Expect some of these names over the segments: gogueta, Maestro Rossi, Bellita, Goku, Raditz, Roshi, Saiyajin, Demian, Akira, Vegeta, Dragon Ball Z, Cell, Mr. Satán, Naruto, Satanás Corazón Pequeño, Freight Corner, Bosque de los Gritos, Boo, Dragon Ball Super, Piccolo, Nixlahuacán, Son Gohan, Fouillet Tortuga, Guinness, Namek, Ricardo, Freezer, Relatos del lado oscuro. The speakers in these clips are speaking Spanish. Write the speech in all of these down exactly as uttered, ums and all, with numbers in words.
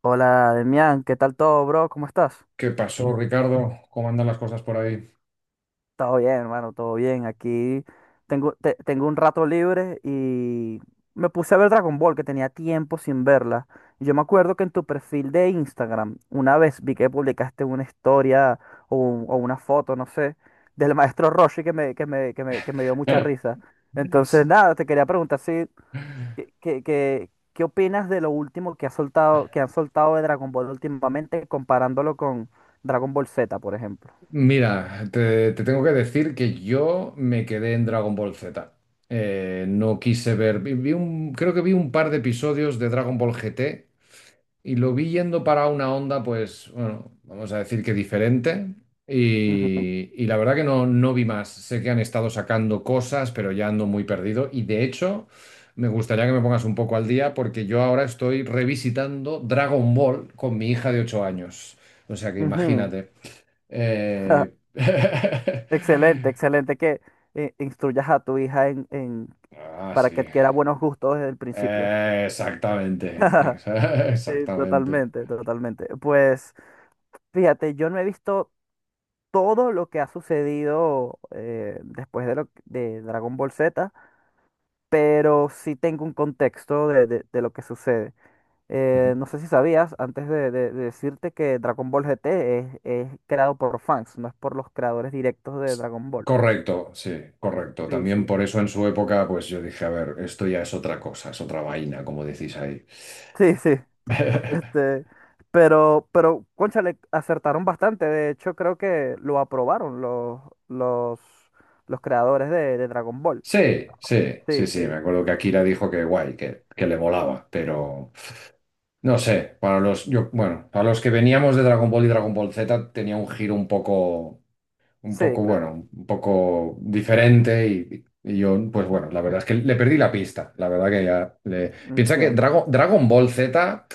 Hola, Demian, ¿qué tal todo, bro? ¿Cómo estás? ¿Qué pasó, Ricardo? ¿Cómo andan las cosas por ahí? Todo bien, hermano, todo bien. Aquí tengo, te- tengo un rato libre y me puse a ver Dragon Ball, que tenía tiempo sin verla. Y yo me acuerdo que en tu perfil de Instagram, una vez vi que publicaste una historia o, un- o una foto, no sé, del maestro Roshi que me, que me, que me, que me dio mucha risa. Entonces, S- nada, te quería preguntar si ¿Qué, qué, qué- qué opinas de lo último que ha soltado, que han soltado de Dragon Ball últimamente, comparándolo con Dragon Ball Z, por ejemplo? Mira, te, te tengo que decir que yo me quedé en Dragon Ball Z. Eh, no quise ver, vi- vi un- creo que vi un par de episodios de Dragon Ball G T. Y lo vi yendo para una onda, pues, bueno, vamos a decir que diferente. Ujú, Y, y la verdad que no, no vi más. Sé que han estado sacando cosas, pero ya ando muy perdido. Y de hecho, me gustaría que me pongas un poco al día porque yo ahora estoy revisitando Dragon Ball con mi hija de ocho años. O sea que ujú. imagínate. Eh, Excelente, excelente que eh, instruyas a tu hija en, en- Ah, para que sí. adquiera buenos gustos desde el principio. Eh, exactamente. Exa- Sí, Exactamente. totalmente, totalmente. Pues fíjate, yo no he visto todo lo que ha sucedido eh, después de, lo, de Dragon Ball Z, pero sí tengo un contexto de, de- de lo que sucede. Eh, no sé si sabías, antes de, de- de decirte que Dragon Ball G T es, es creado por fans, no es por los creadores directos de Dragon Ball. Correcto, sí, correcto. Sí, También sí. por eso en su época, pues yo dije, a ver, esto ya es otra cosa, es otra vaina, como decís ahí. Sí, sí. Este, pero, pero, cónchale, acertaron bastante. De hecho, creo que lo aprobaron los, los, los creadores de, de Dragon Ball. Sí, sí, sí, Sí, sí, me sí. acuerdo que Akira Y dijo que guay, que, que le molaba, pero no sé, para los, yo, bueno, para los que veníamos de Dragon Ball y Dragon Ball Z tenía un giro un poco, un sí, poco, claro. bueno, un poco diferente y, y yo, pues bueno, la verdad es que le perdí la pista, la verdad que ya le... Piensa que Entiendo. Drago- Dragon Ball Z...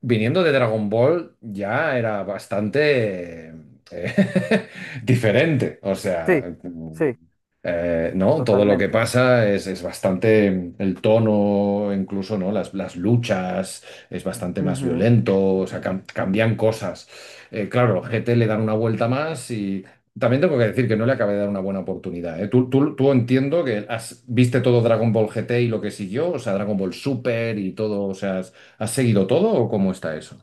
viniendo de Dragon Ball ya era bastante eh, diferente. O sea, Sí, mm, sí, eh, ¿no? Todo lo que totalmente. pasa es, es bastante. Mm, el tono, incluso, ¿no? Las, las luchas, es bastante más Ujú. violento, o sea, cam- cambian cosas. Eh, claro, G T le dan una vuelta más y. También tengo que decir que no le acabé de dar una buena oportunidad, ¿eh? Tú, tú, tú entiendo que has, viste todo Dragon Ball G T y lo que siguió, o sea, Dragon Ball Super y todo, o sea, ¿has seguido todo o cómo está eso?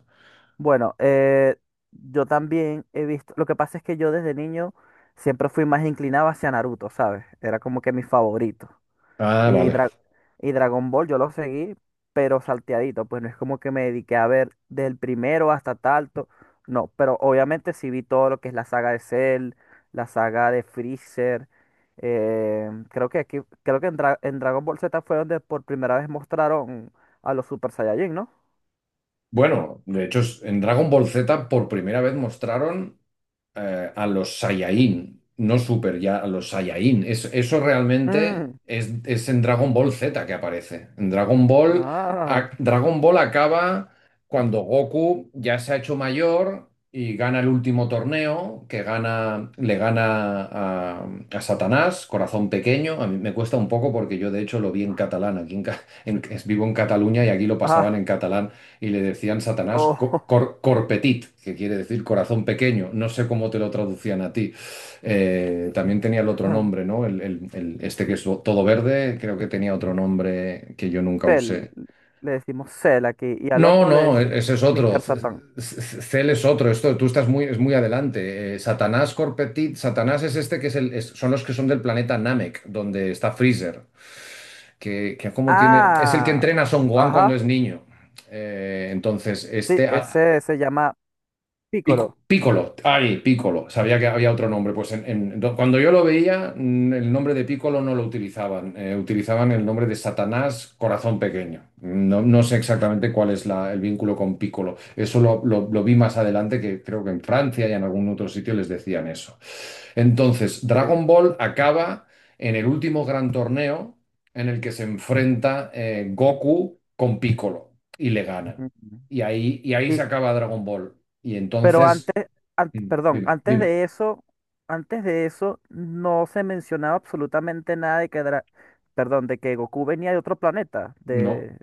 Bueno, eh, yo también he visto, lo que pasa es que yo desde niño siempre fui más inclinado hacia Naruto, ¿sabes? Era como que mi favorito. Ah, Y, vale. Dra- y Dragon Ball yo lo seguí, pero salteadito, pues no es como que me dediqué a ver del primero hasta tanto, no, pero obviamente sí vi todo lo que es la saga de Cell, la saga de Freezer. eh, creo que aquí, Creo que en, Dra- en Dragon Ball Z fue donde por primera vez mostraron a los Super Saiyajin, ¿no? Bueno, de hecho, en Dragon Ball Z por primera vez mostraron eh, a los Saiyajin, no Super, ya a los Saiyajin. Es- eso realmente Mm, es, es en Dragon Ball Z que aparece. En Dragon Ball, ah. a- Dragon Ball acaba cuando Goku ya se ha hecho mayor y gana el último torneo, que gana, le gana a, a Satanás, Corazón Pequeño. A mí me cuesta un poco porque yo de hecho lo vi en catalán. Aquí en, ca- en- vivo en Cataluña y aquí lo pasaban en catalán y le decían Satanás O co- cor- corpetit, que quiere decir corazón pequeño. No sé cómo te lo traducían a ti. Eh, también tenía el otro nombre, ¿no? El, el- el- este que es todo verde, creo que tenía otro nombre que yo nunca Cell, usé. le decimos Cell aquí, y al No, otro le no, e- decimos ese es otro. míster C- Satán. c- Cel es otro. Esto, tú estás muy, es muy adelante. Eh, Satanás Corpetit, Satanás es este que es el, es- son los que son del planeta Namek, donde está Freezer, que, que como tiene, es el que Ah, entrena a Son Gohan ajá, cuando es niño. Eh, entonces, sí, este, a- ese se llama Pico- Piccolo. Piccolo, ay, Piccolo, sabía que había otro nombre. Pues en- en- do- cuando yo lo veía, mm, el nombre de Piccolo no lo utilizaban, eh, utilizaban el nombre de Satanás Corazón Pequeño. No, no sé exactamente cuál es la- el vínculo con Piccolo. Eso lo, lo- lo vi más adelante, que creo que en Francia y en algún otro sitio les decían eso. Entonces, Sí. Dragon Ball acaba en el último gran torneo en el que se enfrenta eh, Goku con Piccolo y le gana. Ujú. Y ahí, y ahí se Y, acaba Dragon Ball. Y pero entonces, antes, an- mm, perdón, dime, antes dime, de eso, antes de eso no se mencionaba absolutamente nada de que, Dra- perdón, de que Goku venía de otro planeta. no, De,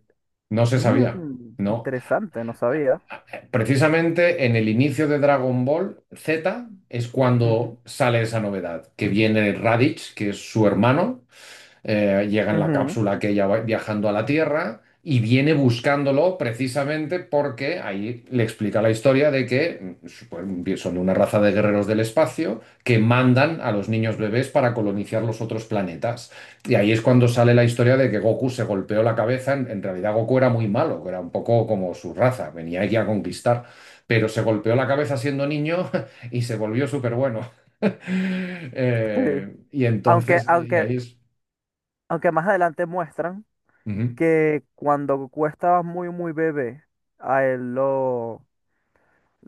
no se mm, sabía, no. interesante, no sabía. Precisamente en el inicio de Dragon Ball Z es Ujú, cuando sale esa novedad, que viene Raditz, que es su hermano, eh, llega en la ujú, cápsula que ella va viajando a la Tierra y viene buscándolo precisamente porque ahí le explica la historia de que mm, pues, son una raza de guerreros del espacio que mandan a los niños bebés para colonizar los otros planetas. Y ahí es cuando sale la historia de que Goku se golpeó la cabeza. En, en realidad Goku era muy malo, era un poco como su raza, venía aquí a conquistar. Pero se golpeó la cabeza siendo niño y se volvió súper bueno. sí. Eh, y Aunque, entonces, y y aunque, ahí es... Aunque más adelante muestran Ujú. que cuando Goku estaba muy, muy bebé, a él lo,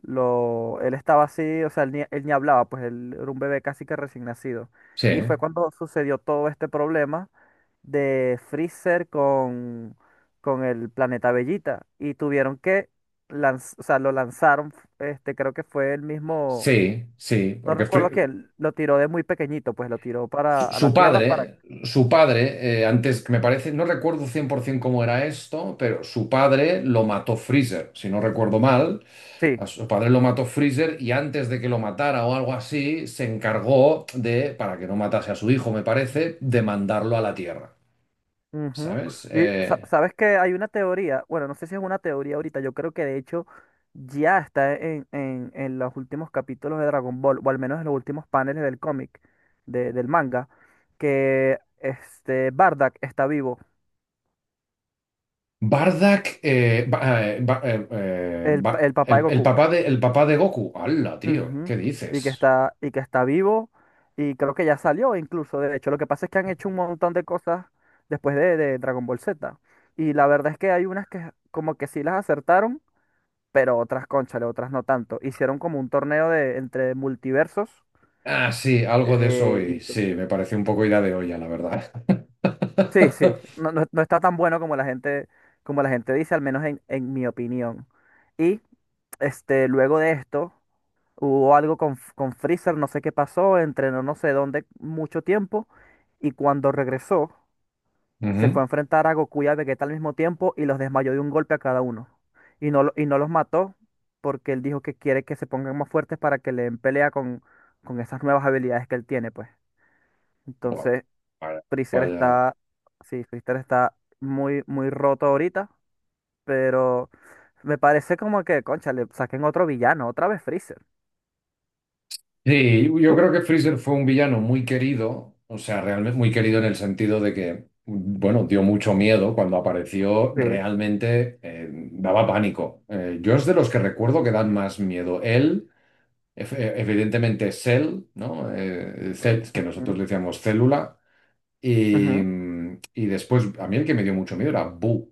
lo, él estaba así, o sea, él ni, él ni hablaba, pues él era un bebé casi que recién nacido. Sí, Y fue cuando sucedió todo este problema de Freezer con, con el planeta Bellita. Y tuvieron que lanz- o sea, lo lanzaron, este, creo que fue el mismo, sí, sí, no porque recuerdo Fri- quién, lo tiró de muy pequeñito, pues lo tiró su para a la su Tierra para, padre, su padre, eh, antes que me parece, no recuerdo cien por ciento cómo era esto, pero su padre lo mató Freezer, si no recuerdo mal, sí, a su padre lo mató Freezer y antes de que lo matara o algo así, se encargó de, para que no matase a su hijo, me parece, de mandarlo a la Tierra, ujú. ¿sabes? Y sa- Eh, sabes que hay una teoría, bueno, no sé si es una teoría ahorita, yo creo que de hecho ya está en, en, en los últimos capítulos de Dragon Ball, o al menos en los últimos paneles del cómic, de- del manga, que este Bardock está vivo, Bardock, eh, Ba- eh, Ba- eh, eh, el, pa- Ba- el papá de el, el Goku, papá de, el papá de Goku, ¡hala, tío! ujú. ¿Qué Y que dices? Está, y que está vivo, y creo que ya salió incluso, de hecho, lo que pasa es que han hecho un montón de cosas después de, de Dragon Ball Z, y la verdad es que hay unas que como que sí las acertaron, pero otras, cónchale, otras no tanto. Hicieron como un torneo de, entre multiversos. Ah, sí, algo de eso eh, y hoy. Sí, entonces- me pareció un poco idea de olla, la verdad. sí, sí, no, no- no está tan bueno como la gente, como la gente dice, al menos en, en mi opinión. Y este, luego de esto, hubo algo con, F- con Freezer, no sé qué pasó, entrenó no sé dónde mucho tiempo, y cuando regresó se fue Ujú. a enfrentar a Goku y a Vegeta al mismo tiempo y los desmayó de un golpe a cada uno. Y no, lo- y no los mató porque él dijo que quiere que se pongan más fuertes para que le den pelea con, con esas nuevas habilidades que él tiene, pues. Bueno, Entonces, vaya, Freezer vaya. está, sí, Freezer está muy, muy roto ahorita, pero me parece como que, concha, le saquen otro villano, otra vez Freezer. Sí, yo creo que Freezer fue un villano muy querido, o sea, realmente muy querido en el sentido de que, bueno, dio mucho miedo cuando apareció, Sí. realmente eh, daba pánico. Eh, yo es de los que recuerdo que dan más miedo. Él, ef- eh, evidentemente Cell, ¿no? Eh, Cell, que nosotros Ujú, le decíamos célula. Y, ujú. mm, y después, a mí el que me dio mucho miedo era Boo.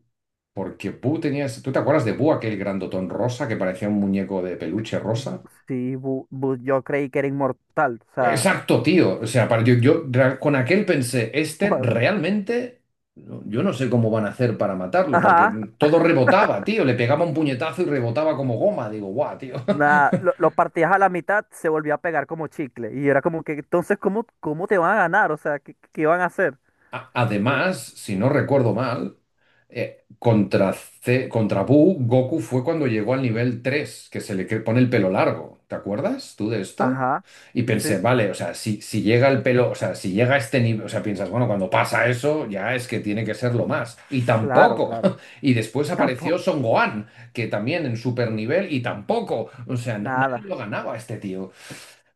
Porque Boo tenía... ese- ¿Tú te acuerdas de Boo, aquel grandotón rosa que parecía un muñeco de peluche Bu- rosa? Sí, Bu- Bu- yo creí que era inmortal, o sea, Exacto, tío. O sea, para, yo, yo ra- con aquel pensé, este what? realmente... no- Yo no sé cómo van a hacer para matarlo, porque Ajá. mm, todo rebotaba, tío. Le pegaba un puñetazo y rebotaba como goma. Digo, guau, tío. Nada, lo, lo partías a la mitad, se volvía a pegar como chicle. Y era como que, entonces, ¿cómo, ¿cómo te van a ganar? O sea, ¿qué, ¿qué iban a hacer? A- Sí. Además, si no recuerdo mal, eh, contra, C- contra Buu, Goku fue cuando llegó al nivel tres que se le cre- pone el pelo largo. ¿Te acuerdas tú de esto? Ajá, Y sí, pensé, vale, o sea, si, si llega el pelo, o sea, si llega a este nivel, o sea, piensas, bueno, cuando pasa eso, ya es que tiene que ser lo más. Y claro, tampoco. claro. Y después apareció Tampoco, Son Gohan, que también en super nivel, y tampoco. O sea, na- nadie nada. lo ganaba a este tío.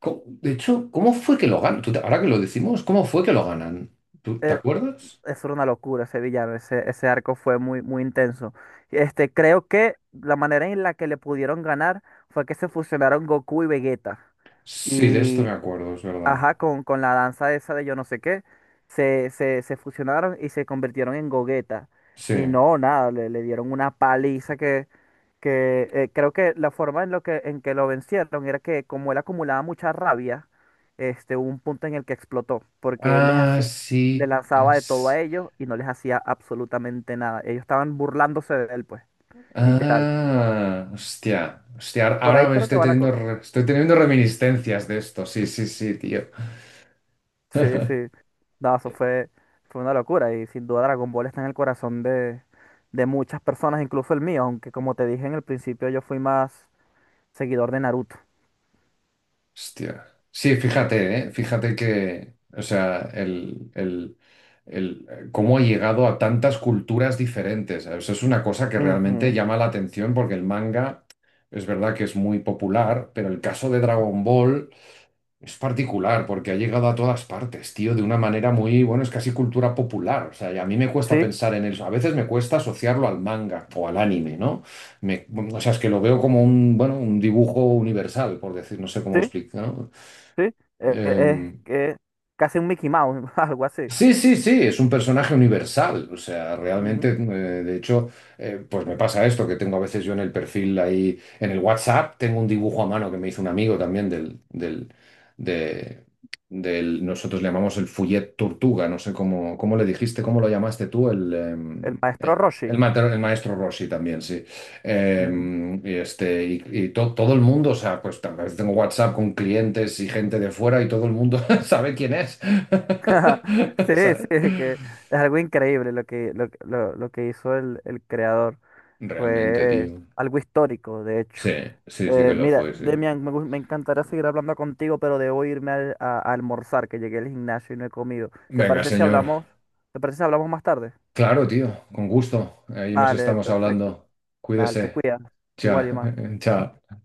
Co- De hecho, ¿cómo fue que lo ganan? Tú te- Ahora que lo decimos, ¿cómo fue que lo ganan? ¿Tú te Era- acuerdas? Eso era una locura ese villano, ese, ese arco fue muy, muy intenso. Este, creo que la manera en la que le pudieron ganar fue que se fusionaron Goku y Vegeta. Sí, de esto me Y acuerdo, es verdad. ajá, con, con la danza esa de yo no sé qué, se, se, se fusionaron y se convirtieron en gogueta. Sí. Y no, nada, le, le dieron una paliza que, que eh, creo que la forma en, lo que, en que lo vencieron era que como él acumulaba mucha rabia, este, hubo un punto en el que explotó, porque él les Ah, hacía, le sí. lanzaba de todo a Es... ellos y no les hacía absolutamente nada. Ellos estaban burlándose de él, pues, literal. Ah, hostia. Hostia, ahora Por ahí ahora me creo que estoy va la teniendo, cosa. re- estoy teniendo reminiscencias de esto. Sí, sí, sí, tío. Sí, sí. No, eso fue, fue una locura y sin duda Dragon Ball está en el corazón de, de muchas personas, incluso el mío, aunque como te dije en el principio yo fui más seguidor de Naruto. Hostia. Sí, fíjate, Sí. ¿eh? Fíjate que, o sea, el, el, el, eh, cómo ha llegado a tantas culturas diferentes. Eso es una cosa que realmente Ujú. llama la atención porque el manga es verdad que es muy popular, pero el caso de Dragon Ball es particular porque ha llegado a todas partes, tío, de una manera muy, bueno, es casi cultura popular. O sea, y a mí me cuesta Sí, pensar en eso. A veces me cuesta asociarlo al manga o al anime, ¿no? Me- o sea, es que lo veo como un, bueno, un dibujo universal, por decir, no sé cómo sí, explicar, ¿no? sí. Eh, eh, es Eh, que casi un Mickey Mouse, algo así. sí, sí, sí, es un personaje universal. O sea, realmente, Ujú. eh, de hecho, eh, pues me pasa esto, que tengo a veces yo en el perfil ahí, en el WhatsApp, tengo un dibujo a mano que me hizo un amigo también del, del, de, del, nosotros le llamamos el Fouillet Tortuga, no sé cómo, cómo le dijiste, cómo lo llamaste tú, el, em, El maestro eh, Roshi. el, mater- el maestro Rossi también, sí. Ujú. Em, y este, y, y to- todo el mundo, o sea, pues a veces tengo WhatsApp con clientes y gente de fuera y todo el mundo sabe quién es. Sí, ¿Sabes? sí, que es algo increíble lo que, lo, lo- lo que hizo el, el creador. Realmente, Fue tío. algo histórico, de Sí, hecho. sí, sí Eh, que lo Mira, fue, sí. Demian, me, gu- me encantaría seguir hablando contigo, pero debo irme al- a, a almorzar, que llegué al gimnasio y no he comido. ¿Te Venga, parece si señor. hablamos? ¿Te parece si hablamos más tarde? Claro, tío, con gusto. Ahí nos Vale, estamos perfecto. hablando. Dale, te Cuídese. cuidas. Chao, Igual, más. chao.